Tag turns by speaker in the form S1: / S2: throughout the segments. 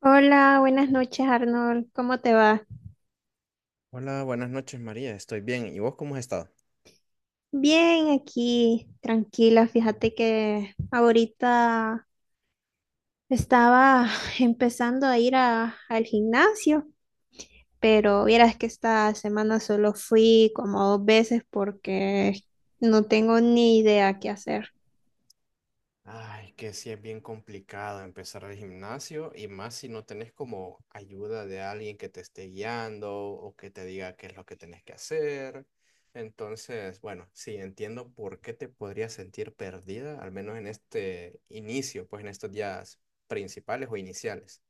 S1: Hola, buenas noches Arnold, ¿cómo te va?
S2: Hola, buenas noches María, estoy bien. ¿Y vos cómo has estado?
S1: Bien, aquí, tranquila, fíjate que ahorita estaba empezando a al gimnasio, pero vieras que esta semana solo fui como dos veces porque no tengo ni idea qué hacer.
S2: Ay, que sí es bien complicado empezar el gimnasio y más si no tenés como ayuda de alguien que te esté guiando o que te diga qué es lo que tenés que hacer. Entonces, bueno, sí, entiendo por qué te podrías sentir perdida, al menos en este inicio, pues en estos días principales o iniciales.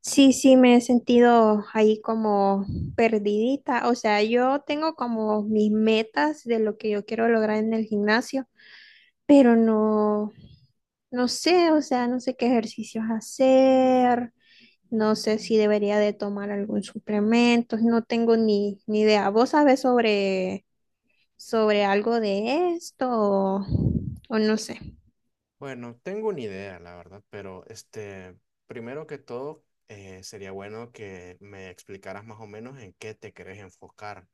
S1: Sí, sí, me he sentido ahí como perdidita, o sea, yo tengo como mis metas de lo que yo quiero lograr en el gimnasio pero no, no sé, o sea, no sé qué ejercicios hacer, no sé si debería de tomar algún suplemento, no tengo ni idea. ¿Vos sabés sobre algo de esto o no sé?
S2: Bueno, tengo una idea, la verdad, pero este, primero que todo, sería bueno que me explicaras más o menos en qué te querés enfocar,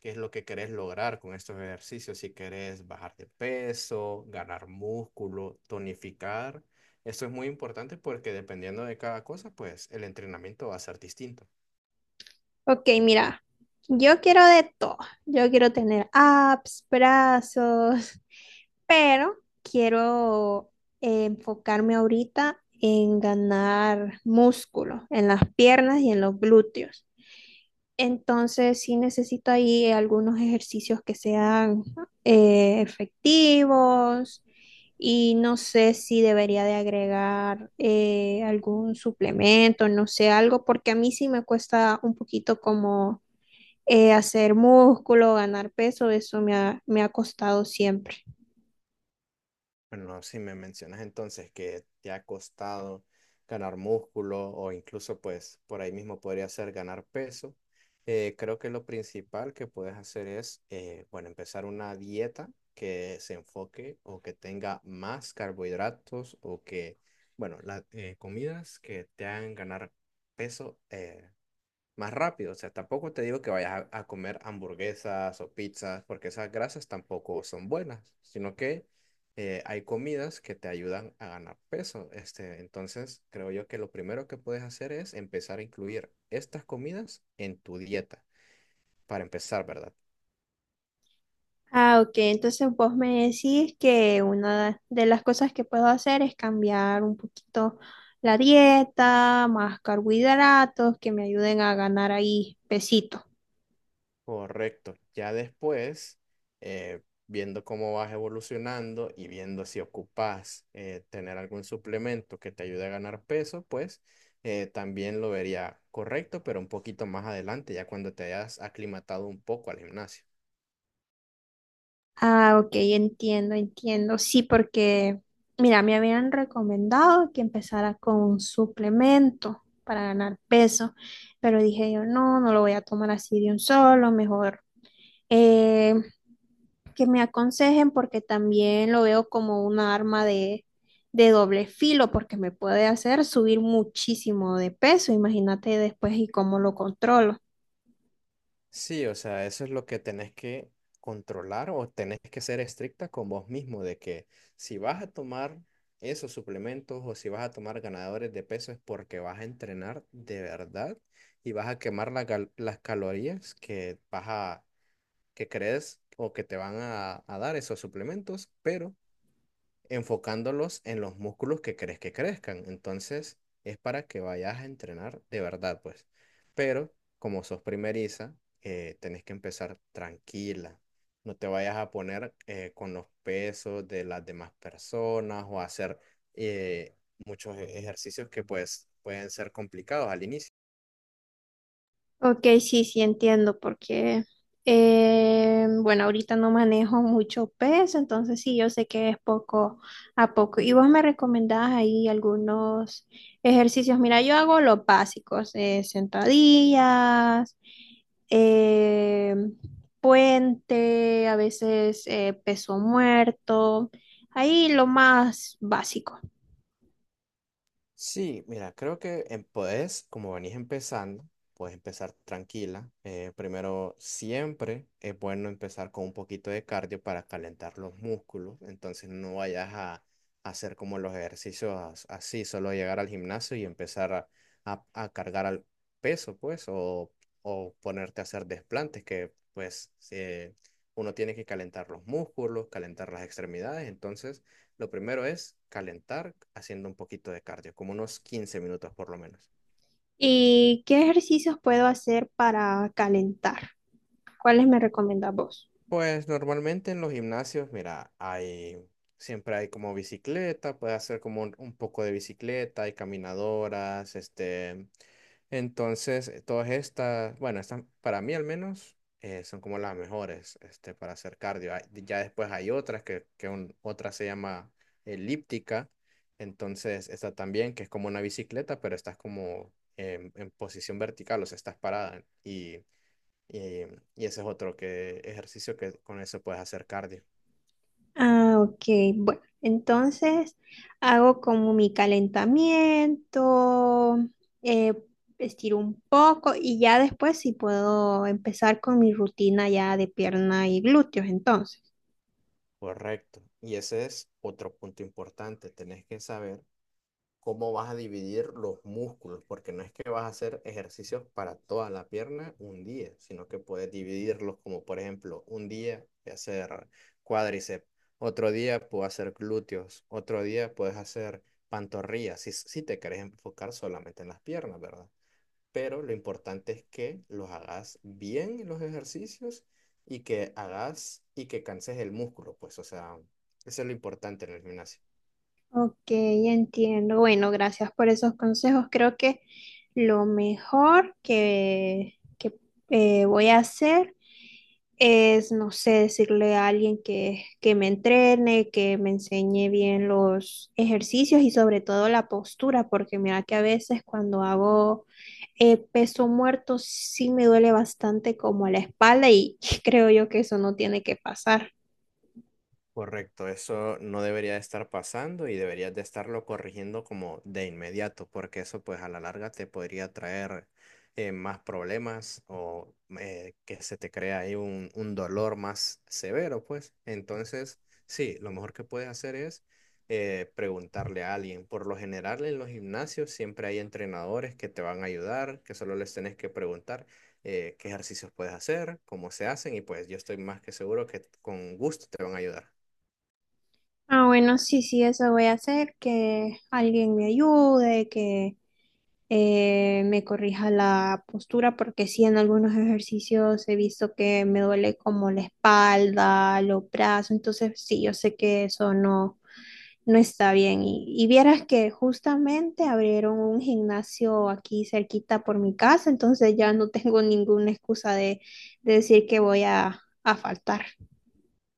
S2: qué es lo que querés lograr con estos ejercicios, si querés bajar de peso, ganar músculo, tonificar. Esto es muy importante porque dependiendo de cada cosa, pues el entrenamiento va a ser distinto.
S1: Ok, mira, yo quiero de todo. Yo quiero tener abs, brazos, pero quiero enfocarme ahorita en ganar músculo en las piernas y en los glúteos. Entonces, sí necesito ahí algunos ejercicios que sean efectivos y no sé si debería de agregar algún suplemento, no sé, algo, porque a mí sí me cuesta un poquito como hacer músculo, ganar peso, eso me ha costado siempre.
S2: Bueno, si me mencionas entonces que te ha costado ganar músculo o incluso pues por ahí mismo podría ser ganar peso, creo que lo principal que puedes hacer es, bueno, empezar una dieta que se enfoque o que tenga más carbohidratos o que, bueno, las comidas que te hagan ganar peso más rápido. O sea, tampoco te digo que vayas a comer hamburguesas o pizzas, porque esas grasas tampoco son buenas, sino que hay comidas que te ayudan a ganar peso. Este, entonces, creo yo que lo primero que puedes hacer es empezar a incluir estas comidas en tu dieta, para empezar, ¿verdad?
S1: Ah, ok. Entonces vos me decís que una de las cosas que puedo hacer es cambiar un poquito la dieta, más carbohidratos que me ayuden a ganar ahí pesito.
S2: Correcto. Ya después, viendo cómo vas evolucionando y viendo si ocupas tener algún suplemento que te ayude a ganar peso, pues también lo vería correcto, pero un poquito más adelante, ya cuando te hayas aclimatado un poco al gimnasio.
S1: Ah, ok, entiendo, entiendo. Sí, porque, mira, me habían recomendado que empezara con un suplemento para ganar peso, pero dije yo, no, no lo voy a tomar así de un solo, mejor eh, que me aconsejen porque también lo veo como una arma de doble filo, porque me puede hacer subir muchísimo de peso, imagínate después y cómo lo controlo.
S2: Sí, o sea, eso es lo que tenés que controlar o tenés que ser estricta con vos mismo, de que si vas a tomar esos suplementos o si vas a tomar ganadores de peso es porque vas a entrenar de verdad y vas a quemar la las calorías que vas que crees o que te van a dar esos suplementos, pero enfocándolos en los músculos que crees que crezcan. Entonces, es para que vayas a entrenar de verdad, pues. Pero como sos primeriza, tenés que empezar tranquila. No te vayas a poner con los pesos de las demás personas o a hacer eh, ejercicios que pues pueden ser complicados al inicio.
S1: Ok, sí, sí entiendo, porque, bueno, ahorita no manejo mucho peso, entonces sí, yo sé que es poco a poco. Y vos me recomendás ahí algunos ejercicios. Mira, yo hago los básicos, sentadillas, eh, puente, a veces peso muerto, ahí lo más básico.
S2: Sí, mira, creo que puedes, como venís empezando, puedes empezar tranquila. Primero, siempre es bueno empezar con un poquito de cardio para calentar los músculos. Entonces, no vayas a hacer como los ejercicios así, solo llegar al gimnasio y empezar a cargar al peso, pues, o ponerte a hacer desplantes, que pues uno tiene que calentar los músculos, calentar las extremidades. Entonces, lo primero es calentar haciendo un poquito de cardio, como unos 15 minutos por lo menos.
S1: ¿Y qué ejercicios puedo hacer para calentar? ¿Cuáles me recomendás vos?
S2: Pues normalmente en los gimnasios, mira, hay, siempre hay como bicicleta, puedes hacer como un poco de bicicleta, hay caminadoras, este, entonces todas estas, bueno, estas para mí al menos son como las mejores, este, para hacer cardio. Hay, ya después hay otras otra se llama elíptica, entonces esta también que es como una bicicleta, pero estás como en posición vertical, o sea, estás parada y, y ese es otro que, ejercicio que con eso puedes hacer cardio.
S1: Ah, ok. Bueno, entonces hago como mi calentamiento, eh, estiro un poco y ya después sí puedo empezar con mi rutina ya de pierna y glúteos, entonces.
S2: Correcto. Y ese es otro punto importante. Tenés que saber cómo vas a dividir los músculos, porque no es que vas a hacer ejercicios para toda la pierna un día, sino que puedes dividirlos como, por ejemplo, un día voy a hacer cuádriceps, otro día puedo hacer glúteos, otro día puedes hacer pantorrillas, si te querés enfocar solamente en las piernas, ¿verdad? Pero lo importante es que los hagas bien los ejercicios y que hagas y que canses el músculo, pues, o sea, eso es lo importante en el gimnasio.
S1: Ok, entiendo. Bueno, gracias por esos consejos. Creo que lo mejor voy a hacer es, no sé, decirle a alguien que me entrene, que me enseñe bien los ejercicios y sobre todo la postura, porque mira que a veces cuando hago peso muerto sí me duele bastante como la espalda y creo yo que eso no tiene que pasar.
S2: Correcto, eso no debería de estar pasando y deberías de estarlo corrigiendo como de inmediato, porque eso pues a la larga te podría traer más problemas o que se te crea ahí un dolor más severo, pues. Entonces, sí, lo mejor que puedes hacer es preguntarle a alguien. Por lo general en los gimnasios siempre hay entrenadores que te van a ayudar, que solo les tenés que preguntar qué ejercicios puedes hacer, cómo se hacen y pues yo estoy más que seguro que con gusto te van a ayudar.
S1: Ah, bueno, sí, sí, eso voy a hacer, que alguien me ayude, que me corrija la postura, porque sí, en algunos ejercicios he visto que me duele como la espalda, los brazos, entonces sí, yo sé que eso no, no está bien. Y vieras que justamente abrieron un gimnasio aquí cerquita por mi casa, entonces ya no tengo ninguna excusa de decir que voy a faltar.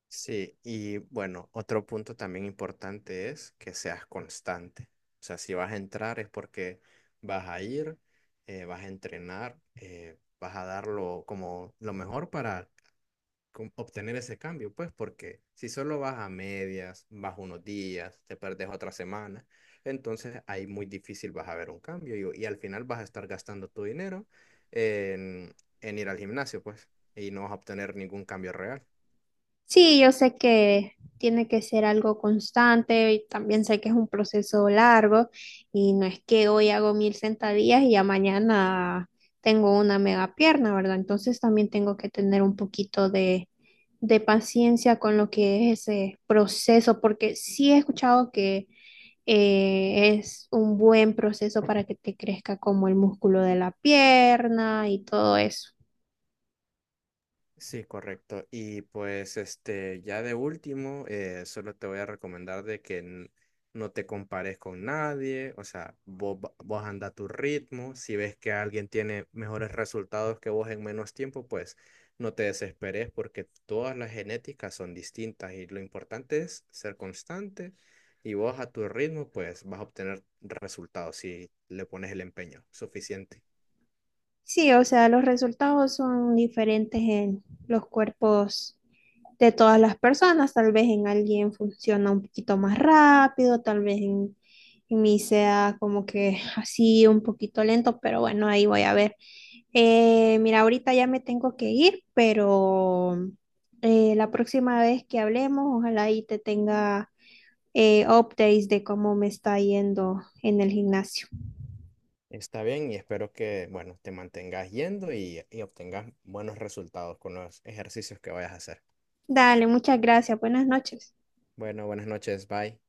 S2: Sí, y bueno, otro punto también importante es que seas constante. O sea, si vas a entrar es porque vas a ir, vas a entrenar, vas a dar lo, como lo mejor para obtener ese cambio, pues porque si solo vas a medias, vas unos días, te perdes otra semana, entonces ahí muy difícil vas a ver un cambio y al final vas a estar gastando tu dinero en, en ir al gimnasio, pues, y no vas a obtener ningún cambio real.
S1: Sí, yo sé que tiene que ser algo constante y también sé que es un proceso largo y no es que hoy hago mil sentadillas y ya mañana tengo una mega pierna, ¿verdad? Entonces también tengo que tener un poquito de paciencia con lo que es ese proceso, porque sí he escuchado que es un buen proceso para que te crezca como el músculo de la pierna y todo eso.
S2: Sí, correcto. Y pues este, ya de último, solo te voy a recomendar de que no te compares con nadie, o sea, vos, vos anda a tu ritmo, si ves que alguien tiene mejores resultados que vos en menos tiempo, pues no te desesperes porque todas las genéticas son distintas y lo importante es ser constante y vos a tu ritmo, pues vas a obtener resultados si le pones el empeño suficiente.
S1: Sí, o sea, los resultados son diferentes en los cuerpos de todas las personas. Tal vez en alguien funciona un poquito más rápido, tal vez en mí sea como que así un poquito lento, pero bueno, ahí voy a ver. Mira, ahorita ya me tengo que ir, pero la próxima vez que hablemos, ojalá ahí te tenga updates de cómo me está yendo en el gimnasio.
S2: Está bien y espero que, bueno, te mantengas yendo y obtengas buenos resultados con los ejercicios que vayas a hacer.
S1: Dale, muchas gracias. Buenas noches.
S2: Bueno, buenas noches, bye.